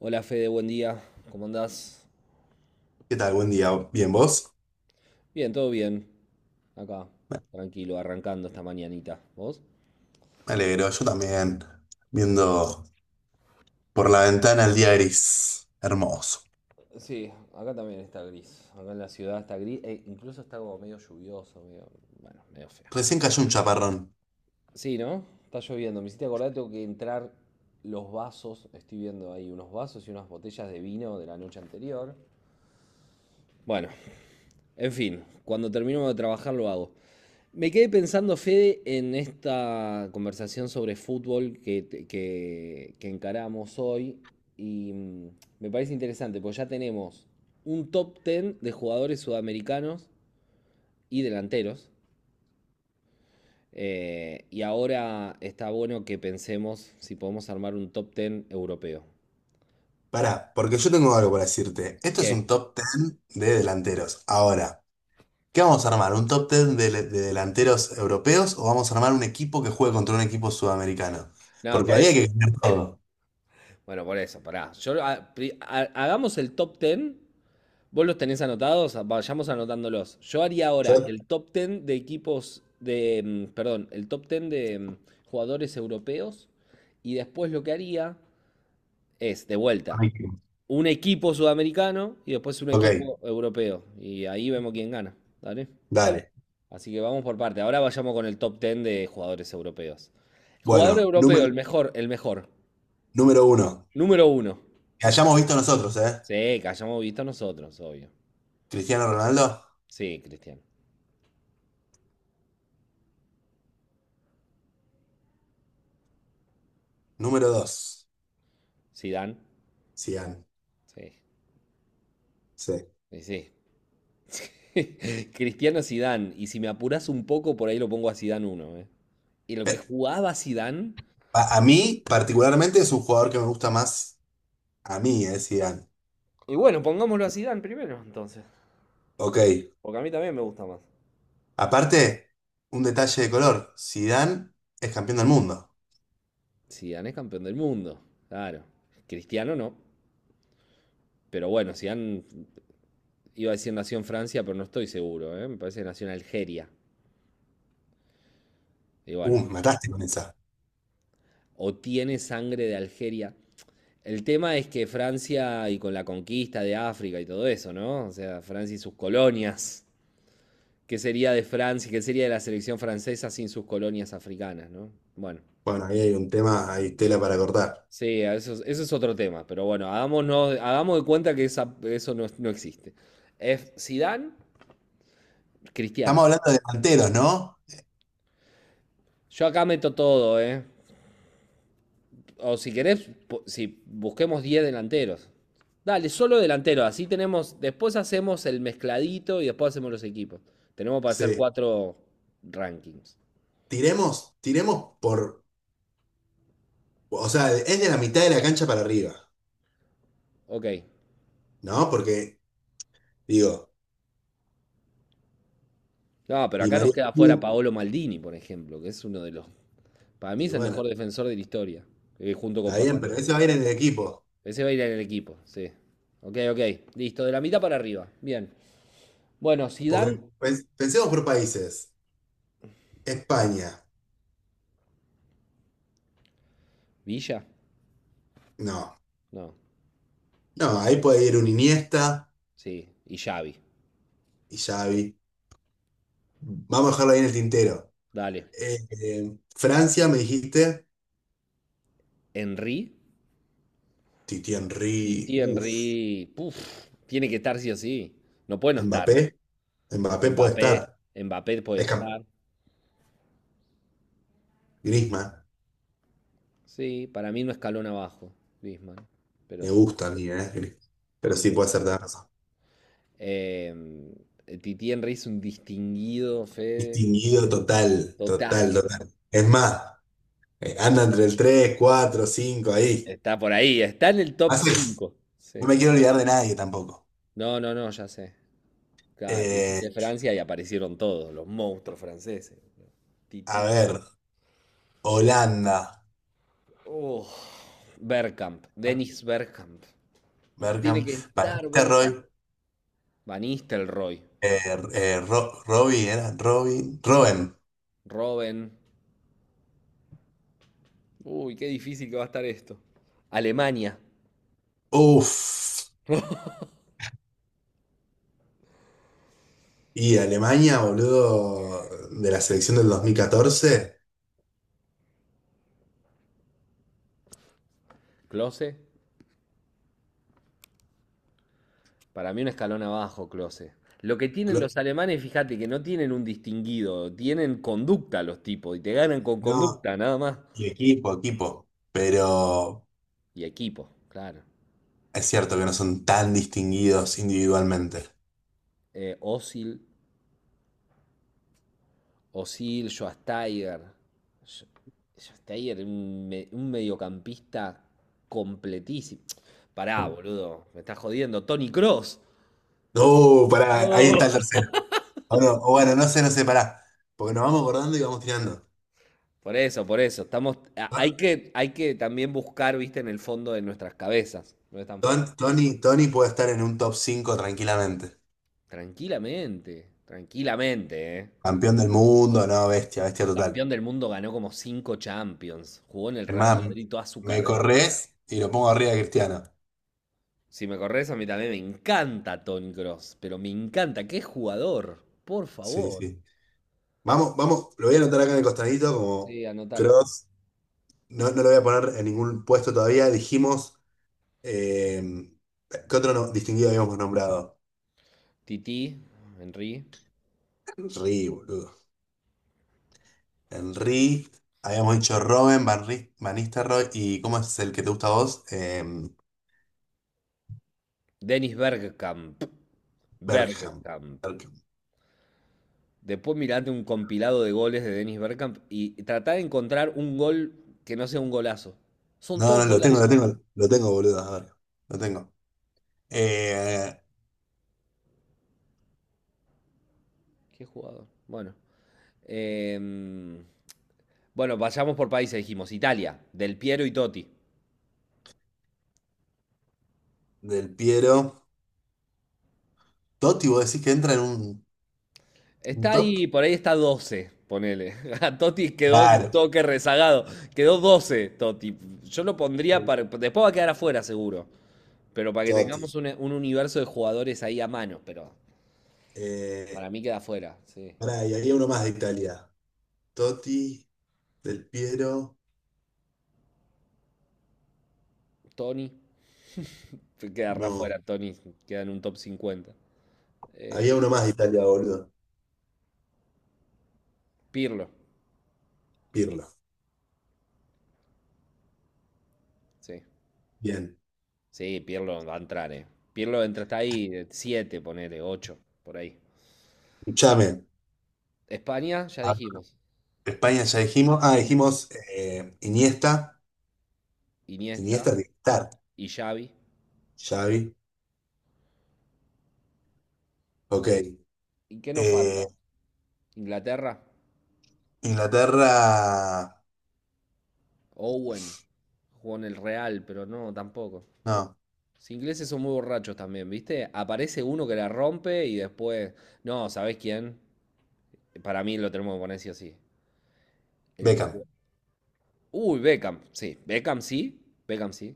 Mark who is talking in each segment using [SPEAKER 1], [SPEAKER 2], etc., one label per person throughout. [SPEAKER 1] Hola Fede, buen día. ¿Cómo andás?
[SPEAKER 2] ¿Qué tal? Buen día. ¿Bien vos?
[SPEAKER 1] Bien, todo bien. Acá,
[SPEAKER 2] Me
[SPEAKER 1] tranquilo, arrancando esta mañanita. ¿Vos?
[SPEAKER 2] alegro, yo también. Viendo por la ventana el día gris. Hermoso.
[SPEAKER 1] Sí, acá también está gris. Acá en la ciudad está gris e incluso está como medio lluvioso, medio, bueno, medio feo.
[SPEAKER 2] Recién cayó un chaparrón.
[SPEAKER 1] Sí, ¿no? Está lloviendo. Me hiciste acordar, tengo que entrar los vasos. Estoy viendo ahí unos vasos y unas botellas de vino de la noche anterior. Bueno, en fin, cuando termino de trabajar lo hago. Me quedé pensando, Fede, en esta conversación sobre fútbol que encaramos hoy y me parece interesante, porque ya tenemos un top 10 de jugadores sudamericanos y delanteros. Y ahora está bueno que pensemos si podemos armar un top 10 europeo.
[SPEAKER 2] Pará, porque yo tengo algo para decirte. Esto es
[SPEAKER 1] ¿Qué?
[SPEAKER 2] un top 10 de delanteros. Ahora, ¿qué vamos a armar? ¿Un top 10 de delanteros europeos o vamos a armar un equipo que juegue contra un equipo sudamericano?
[SPEAKER 1] No,
[SPEAKER 2] Porque
[SPEAKER 1] por
[SPEAKER 2] ahí hay
[SPEAKER 1] eso.
[SPEAKER 2] que ganar todo.
[SPEAKER 1] Bueno, por eso, pará. Yo, hagamos el top 10. ¿Vos los tenés anotados? Vayamos anotándolos. Yo haría ahora
[SPEAKER 2] Yo-
[SPEAKER 1] el top 10 de equipos de, perdón, el top 10 de jugadores europeos y después lo que haría es, de vuelta, un equipo sudamericano y después un
[SPEAKER 2] Ok,
[SPEAKER 1] equipo europeo y ahí vemos quién gana, vale.
[SPEAKER 2] dale.
[SPEAKER 1] Así que vamos por parte. Ahora vayamos con el top 10 de jugadores europeos. Jugador
[SPEAKER 2] Bueno,
[SPEAKER 1] europeo, el mejor, el mejor.
[SPEAKER 2] número uno.
[SPEAKER 1] Número uno.
[SPEAKER 2] Que hayamos visto nosotros, ¿eh?
[SPEAKER 1] Sí, que hayamos visto nosotros, obvio.
[SPEAKER 2] Cristiano Ronaldo.
[SPEAKER 1] Sí, Cristiano.
[SPEAKER 2] Número dos.
[SPEAKER 1] Zidane.
[SPEAKER 2] Sian,
[SPEAKER 1] Sí.
[SPEAKER 2] sí.
[SPEAKER 1] Y sí. Cristiano, Zidane. Y si me apuras un poco, por ahí lo pongo a Zidane uno, ¿eh? Y lo que
[SPEAKER 2] Eh,
[SPEAKER 1] jugaba Zidane.
[SPEAKER 2] a mí, particularmente, es un jugador que me gusta más a mí, Zidane.
[SPEAKER 1] Y bueno, pongámoslo a Zidane primero, entonces.
[SPEAKER 2] Ok.
[SPEAKER 1] Porque a mí también me gusta más.
[SPEAKER 2] Aparte, un detalle de color. Zidane es campeón del mundo.
[SPEAKER 1] Zidane es campeón del mundo. Claro. Cristiano no. Pero bueno, Zidane, iba a decir nació en Francia, pero no estoy seguro, ¿eh? Me parece que nació en Algeria. Y bueno,
[SPEAKER 2] Me mataste con esa.
[SPEAKER 1] o tiene sangre de Algeria. El tema es que Francia y con la conquista de África y todo eso, ¿no? O sea, Francia y sus colonias. Qué sería de Francia, qué sería de la selección francesa sin sus colonias africanas, ¿no? Bueno,
[SPEAKER 2] Bueno, ahí hay un tema, hay tela para cortar.
[SPEAKER 1] sí, eso, eso es otro tema, pero bueno, hagamos de cuenta que eso no, no existe. Es Zidane, Cristiano.
[SPEAKER 2] Estamos hablando de delanteros, ¿no?
[SPEAKER 1] Yo acá meto todo, ¿eh? O si querés, si busquemos 10 delanteros. Dale, solo delanteros, así tenemos, después hacemos el mezcladito y después hacemos los equipos. Tenemos para hacer
[SPEAKER 2] Sí.
[SPEAKER 1] cuatro rankings.
[SPEAKER 2] Tiremos por. O sea, es de la mitad de la cancha para arriba,
[SPEAKER 1] Ok.
[SPEAKER 2] ¿no? Porque, digo,
[SPEAKER 1] No, pero
[SPEAKER 2] Di
[SPEAKER 1] acá nos
[SPEAKER 2] María.
[SPEAKER 1] queda fuera Paolo Maldini, por ejemplo, que es uno de los. Para mí
[SPEAKER 2] Y
[SPEAKER 1] es el mejor
[SPEAKER 2] bueno,
[SPEAKER 1] defensor de la historia, junto con
[SPEAKER 2] está bien, pero
[SPEAKER 1] Pasarela.
[SPEAKER 2] ese va a ir en el equipo.
[SPEAKER 1] Ese va a ir en el equipo, sí. Ok, ok. Listo, de la mitad para arriba. Bien. Bueno, Zidane.
[SPEAKER 2] Porque pensemos por países.
[SPEAKER 1] Dale.
[SPEAKER 2] España.
[SPEAKER 1] Villa.
[SPEAKER 2] No.
[SPEAKER 1] No.
[SPEAKER 2] No, ahí puede ir un Iniesta
[SPEAKER 1] Sí. Y Xavi.
[SPEAKER 2] y Xavi. Mm. Vamos a dejarlo ahí en el tintero.
[SPEAKER 1] Dale.
[SPEAKER 2] Francia, me dijiste.
[SPEAKER 1] Henry.
[SPEAKER 2] Titi Henry.
[SPEAKER 1] Titi
[SPEAKER 2] Uf.
[SPEAKER 1] Henry. Puf. Tiene que estar sí o sí. No puede no
[SPEAKER 2] Mbappé.
[SPEAKER 1] estar.
[SPEAKER 2] Mbappé puede estar.
[SPEAKER 1] Mbappé. Mbappé puede
[SPEAKER 2] Es cam-
[SPEAKER 1] estar.
[SPEAKER 2] Griezmann.
[SPEAKER 1] Sí, para mí no escalón abajo, Griezmann. Pero
[SPEAKER 2] Me
[SPEAKER 1] sí.
[SPEAKER 2] gusta a mí, Pero sí
[SPEAKER 1] eh,
[SPEAKER 2] puede ser de razón.
[SPEAKER 1] Titi Henry es un distinguido, Fede.
[SPEAKER 2] Distinguido total.
[SPEAKER 1] Total.
[SPEAKER 2] Total, total. Es más, anda entre el 3, 4, 5 ahí.
[SPEAKER 1] Está por ahí, está en el top
[SPEAKER 2] Más es,
[SPEAKER 1] 5.
[SPEAKER 2] no
[SPEAKER 1] Sí.
[SPEAKER 2] me quiero olvidar de nadie tampoco.
[SPEAKER 1] No, no, no, ya sé. Claro,
[SPEAKER 2] Eh,
[SPEAKER 1] dijiste Francia y aparecieron todos, los monstruos franceses.
[SPEAKER 2] a
[SPEAKER 1] Titi.
[SPEAKER 2] ver, Holanda.
[SPEAKER 1] Oh, Bergkamp, Dennis Bergkamp.
[SPEAKER 2] Berkham.
[SPEAKER 1] Tiene que estar
[SPEAKER 2] Batista Roy.
[SPEAKER 1] Bergkamp. Van Nistelrooy.
[SPEAKER 2] eh, Robin, ¿era? Robin. Robben.
[SPEAKER 1] Robben. Uy, qué difícil que va a estar esto. Alemania,
[SPEAKER 2] Uf. Y Alemania, boludo, de la selección del 2014.
[SPEAKER 1] Klose. Para mí un escalón abajo, Klose. Lo que tienen
[SPEAKER 2] Clo-
[SPEAKER 1] los alemanes, fíjate que no tienen un distinguido, tienen conducta los tipos y te ganan con
[SPEAKER 2] No,
[SPEAKER 1] conducta, nada más.
[SPEAKER 2] y equipo, equipo. Pero
[SPEAKER 1] Y equipo, claro.
[SPEAKER 2] es cierto que no son tan distinguidos individualmente.
[SPEAKER 1] Osil, Osil, Schwasteiger. Sch- un, un mediocampista completísimo. Pará, boludo, me estás jodiendo. Tony Cross.
[SPEAKER 2] No, pará, ahí está el tercero. O, no, o bueno, no sé, no sé, pará. Porque nos vamos acordando y vamos tirando.
[SPEAKER 1] Por eso, por eso. Estamos,
[SPEAKER 2] Ah,
[SPEAKER 1] hay que también buscar, viste, en el fondo de nuestras cabezas. No es tan fácil.
[SPEAKER 2] Tony puede estar en un top 5 tranquilamente.
[SPEAKER 1] Tranquilamente, tranquilamente, ¿eh?
[SPEAKER 2] Campeón del mundo, no, bestia, bestia total.
[SPEAKER 1] Campeón del mundo, ganó como 5 Champions. Jugó en el
[SPEAKER 2] Es
[SPEAKER 1] Real
[SPEAKER 2] más,
[SPEAKER 1] Madrid toda su
[SPEAKER 2] me
[SPEAKER 1] carrera.
[SPEAKER 2] corres y lo pongo arriba de Cristiano.
[SPEAKER 1] Si me corres, a mí también me encanta Tony Cross, pero me encanta. ¡Qué jugador! Por
[SPEAKER 2] Sí,
[SPEAKER 1] favor.
[SPEAKER 2] sí. Vamos, vamos, lo voy a anotar acá en el costadito como
[SPEAKER 1] Sí, anótalo.
[SPEAKER 2] cross. No, no lo voy a poner en ningún puesto todavía. Dijimos, eh, ¿qué otro distinguido habíamos nombrado?
[SPEAKER 1] Titi, Henry.
[SPEAKER 2] Henry, boludo. Henry, habíamos dicho Robben, Van Nistelrooy y ¿cómo es el que te gusta a vos?
[SPEAKER 1] Dennis Bergkamp.
[SPEAKER 2] Bergkamp.
[SPEAKER 1] Bergkamp.
[SPEAKER 2] Bergkamp.
[SPEAKER 1] Después mirate un compilado de goles de Dennis Bergkamp y tratá de encontrar un gol que no sea un golazo. Son
[SPEAKER 2] No,
[SPEAKER 1] todos
[SPEAKER 2] no, lo tengo,
[SPEAKER 1] golazos.
[SPEAKER 2] lo tengo, lo tengo, boludo. A ver, lo tengo. Eh,
[SPEAKER 1] Qué jugador. Bueno. Em, bueno, vayamos por países, dijimos. Italia, Del Piero y Totti.
[SPEAKER 2] del Piero. Totti, vos decís que entra en un ¿Un
[SPEAKER 1] Está
[SPEAKER 2] top?
[SPEAKER 1] ahí, por ahí está doce, ponele. A Totti quedó un
[SPEAKER 2] Claro,
[SPEAKER 1] toque rezagado. Quedó 12 Totti. Yo lo pondría para. Después va a quedar afuera, seguro. Pero para que
[SPEAKER 2] Totti.
[SPEAKER 1] tengamos un universo de jugadores ahí a mano. Pero
[SPEAKER 2] Eh,
[SPEAKER 1] para mí queda afuera, sí.
[SPEAKER 2] pará, y había uno más de Italia. Totti, Del Piero.
[SPEAKER 1] Tony. Quedará
[SPEAKER 2] No,
[SPEAKER 1] afuera, Tony. Queda en un top cincuenta. Eh,
[SPEAKER 2] había uno más de Italia, boludo.
[SPEAKER 1] Pirlo,
[SPEAKER 2] Pirlo.
[SPEAKER 1] sí.
[SPEAKER 2] Bien.
[SPEAKER 1] Sí, Pirlo va a entrar, eh. Pirlo entra, está ahí, 7 ponele, 8 por ahí.
[SPEAKER 2] Escuchame.
[SPEAKER 1] España, ya
[SPEAKER 2] a-
[SPEAKER 1] dijimos.
[SPEAKER 2] España ya dijimos. Ah,
[SPEAKER 1] In-
[SPEAKER 2] dijimos Iniesta. Iniesta
[SPEAKER 1] Iniesta
[SPEAKER 2] de estar.
[SPEAKER 1] y Xavi.
[SPEAKER 2] Xavi. Ok.
[SPEAKER 1] ¿Y qué nos
[SPEAKER 2] Eh,
[SPEAKER 1] falta? ¿Inglaterra?
[SPEAKER 2] Inglaterra.
[SPEAKER 1] Owen. Jugó en el Real, pero no, tampoco.
[SPEAKER 2] No,
[SPEAKER 1] Los ingleses son muy borrachos también, ¿viste? Aparece uno que la rompe y después. No, ¿sabés quién? Para mí lo tenemos que poner sí o sí. El que
[SPEAKER 2] Beckham.
[SPEAKER 1] jugó. Uy, Beckham, sí. Beckham sí. Beckham sí.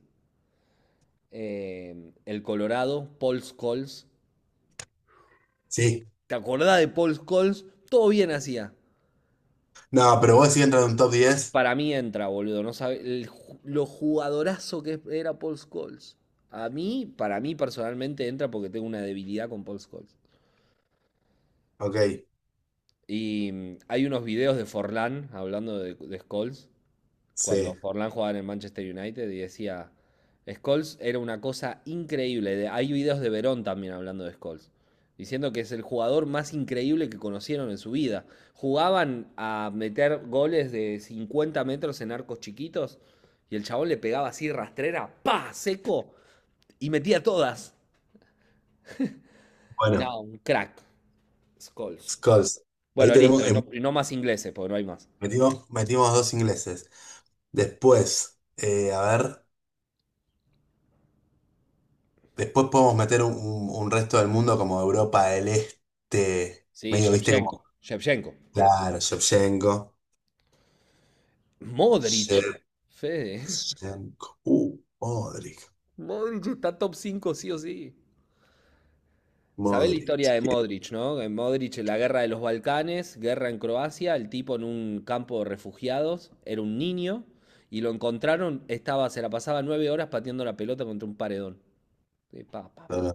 [SPEAKER 1] El Colorado, Paul Scholes.
[SPEAKER 2] Sí.
[SPEAKER 1] ¿Te acordás de Paul Scholes? Todo bien hacía.
[SPEAKER 2] No, pero vos sí entras en un top diez.
[SPEAKER 1] Para mí entra, boludo. No sabe el lo jugadorazo que era Paul Scholes. A mí, para mí personalmente entra porque tengo una debilidad con Paul Scholes.
[SPEAKER 2] Ok.
[SPEAKER 1] Y hay unos videos de Forlán hablando de Scholes cuando
[SPEAKER 2] Sí.
[SPEAKER 1] Forlán jugaba en el Manchester United y decía, Scholes era una cosa increíble. Hay videos de Verón también hablando de Scholes, diciendo que es el jugador más increíble que conocieron en su vida. Jugaban a meter goles de 50 metros en arcos chiquitos y el chabón le pegaba así rastrera, pa, seco, y metía todas.
[SPEAKER 2] Bueno,
[SPEAKER 1] No, un crack, Scholes.
[SPEAKER 2] Scholes. Ahí
[SPEAKER 1] Bueno, listo,
[SPEAKER 2] tenemos.
[SPEAKER 1] y no más ingleses, porque no hay más.
[SPEAKER 2] Metimos, metimos dos ingleses. Después, a ver, después podemos meter un resto del mundo como Europa del Este,
[SPEAKER 1] Sí,
[SPEAKER 2] medio, viste,
[SPEAKER 1] Shevchenko,
[SPEAKER 2] como,
[SPEAKER 1] Shevchenko.
[SPEAKER 2] claro,
[SPEAKER 1] Modric. Fede.
[SPEAKER 2] Shevchenko,
[SPEAKER 1] Modric está top 5 sí o sí. ¿Sabés la
[SPEAKER 2] Modric.
[SPEAKER 1] historia de Modric, no? En Modric, en la guerra de los Balcanes, guerra en Croacia, el tipo en un campo de refugiados, era un niño, y lo encontraron, estaba, se la pasaba 9 horas pateando la pelota contra un paredón. Pa, pa, pa.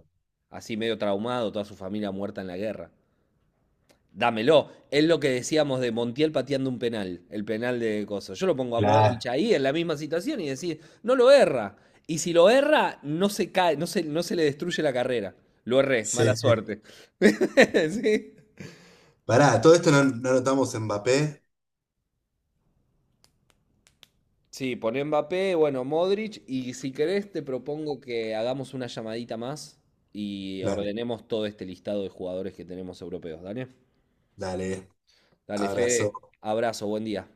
[SPEAKER 1] Así medio traumado, toda su familia muerta en la guerra. Dámelo. Es lo que decíamos de Montiel pateando un penal, el penal de Coso. Yo lo pongo a Modric
[SPEAKER 2] Claro,
[SPEAKER 1] ahí en la misma situación y decir, no lo erra. Y si lo erra, no se cae, no se, no se le destruye la carrera. Lo erré, mala
[SPEAKER 2] sí. sí.
[SPEAKER 1] suerte. Sí.
[SPEAKER 2] Pará, todo esto no, no notamos Mbappé.
[SPEAKER 1] Sí, poné Mbappé, bueno, Modric, y si querés te propongo que hagamos una llamadita más y
[SPEAKER 2] Dale,
[SPEAKER 1] ordenemos todo este listado de jugadores que tenemos europeos. Dale,
[SPEAKER 2] dale,
[SPEAKER 1] dale,
[SPEAKER 2] abrazo.
[SPEAKER 1] Fede, abrazo, buen día.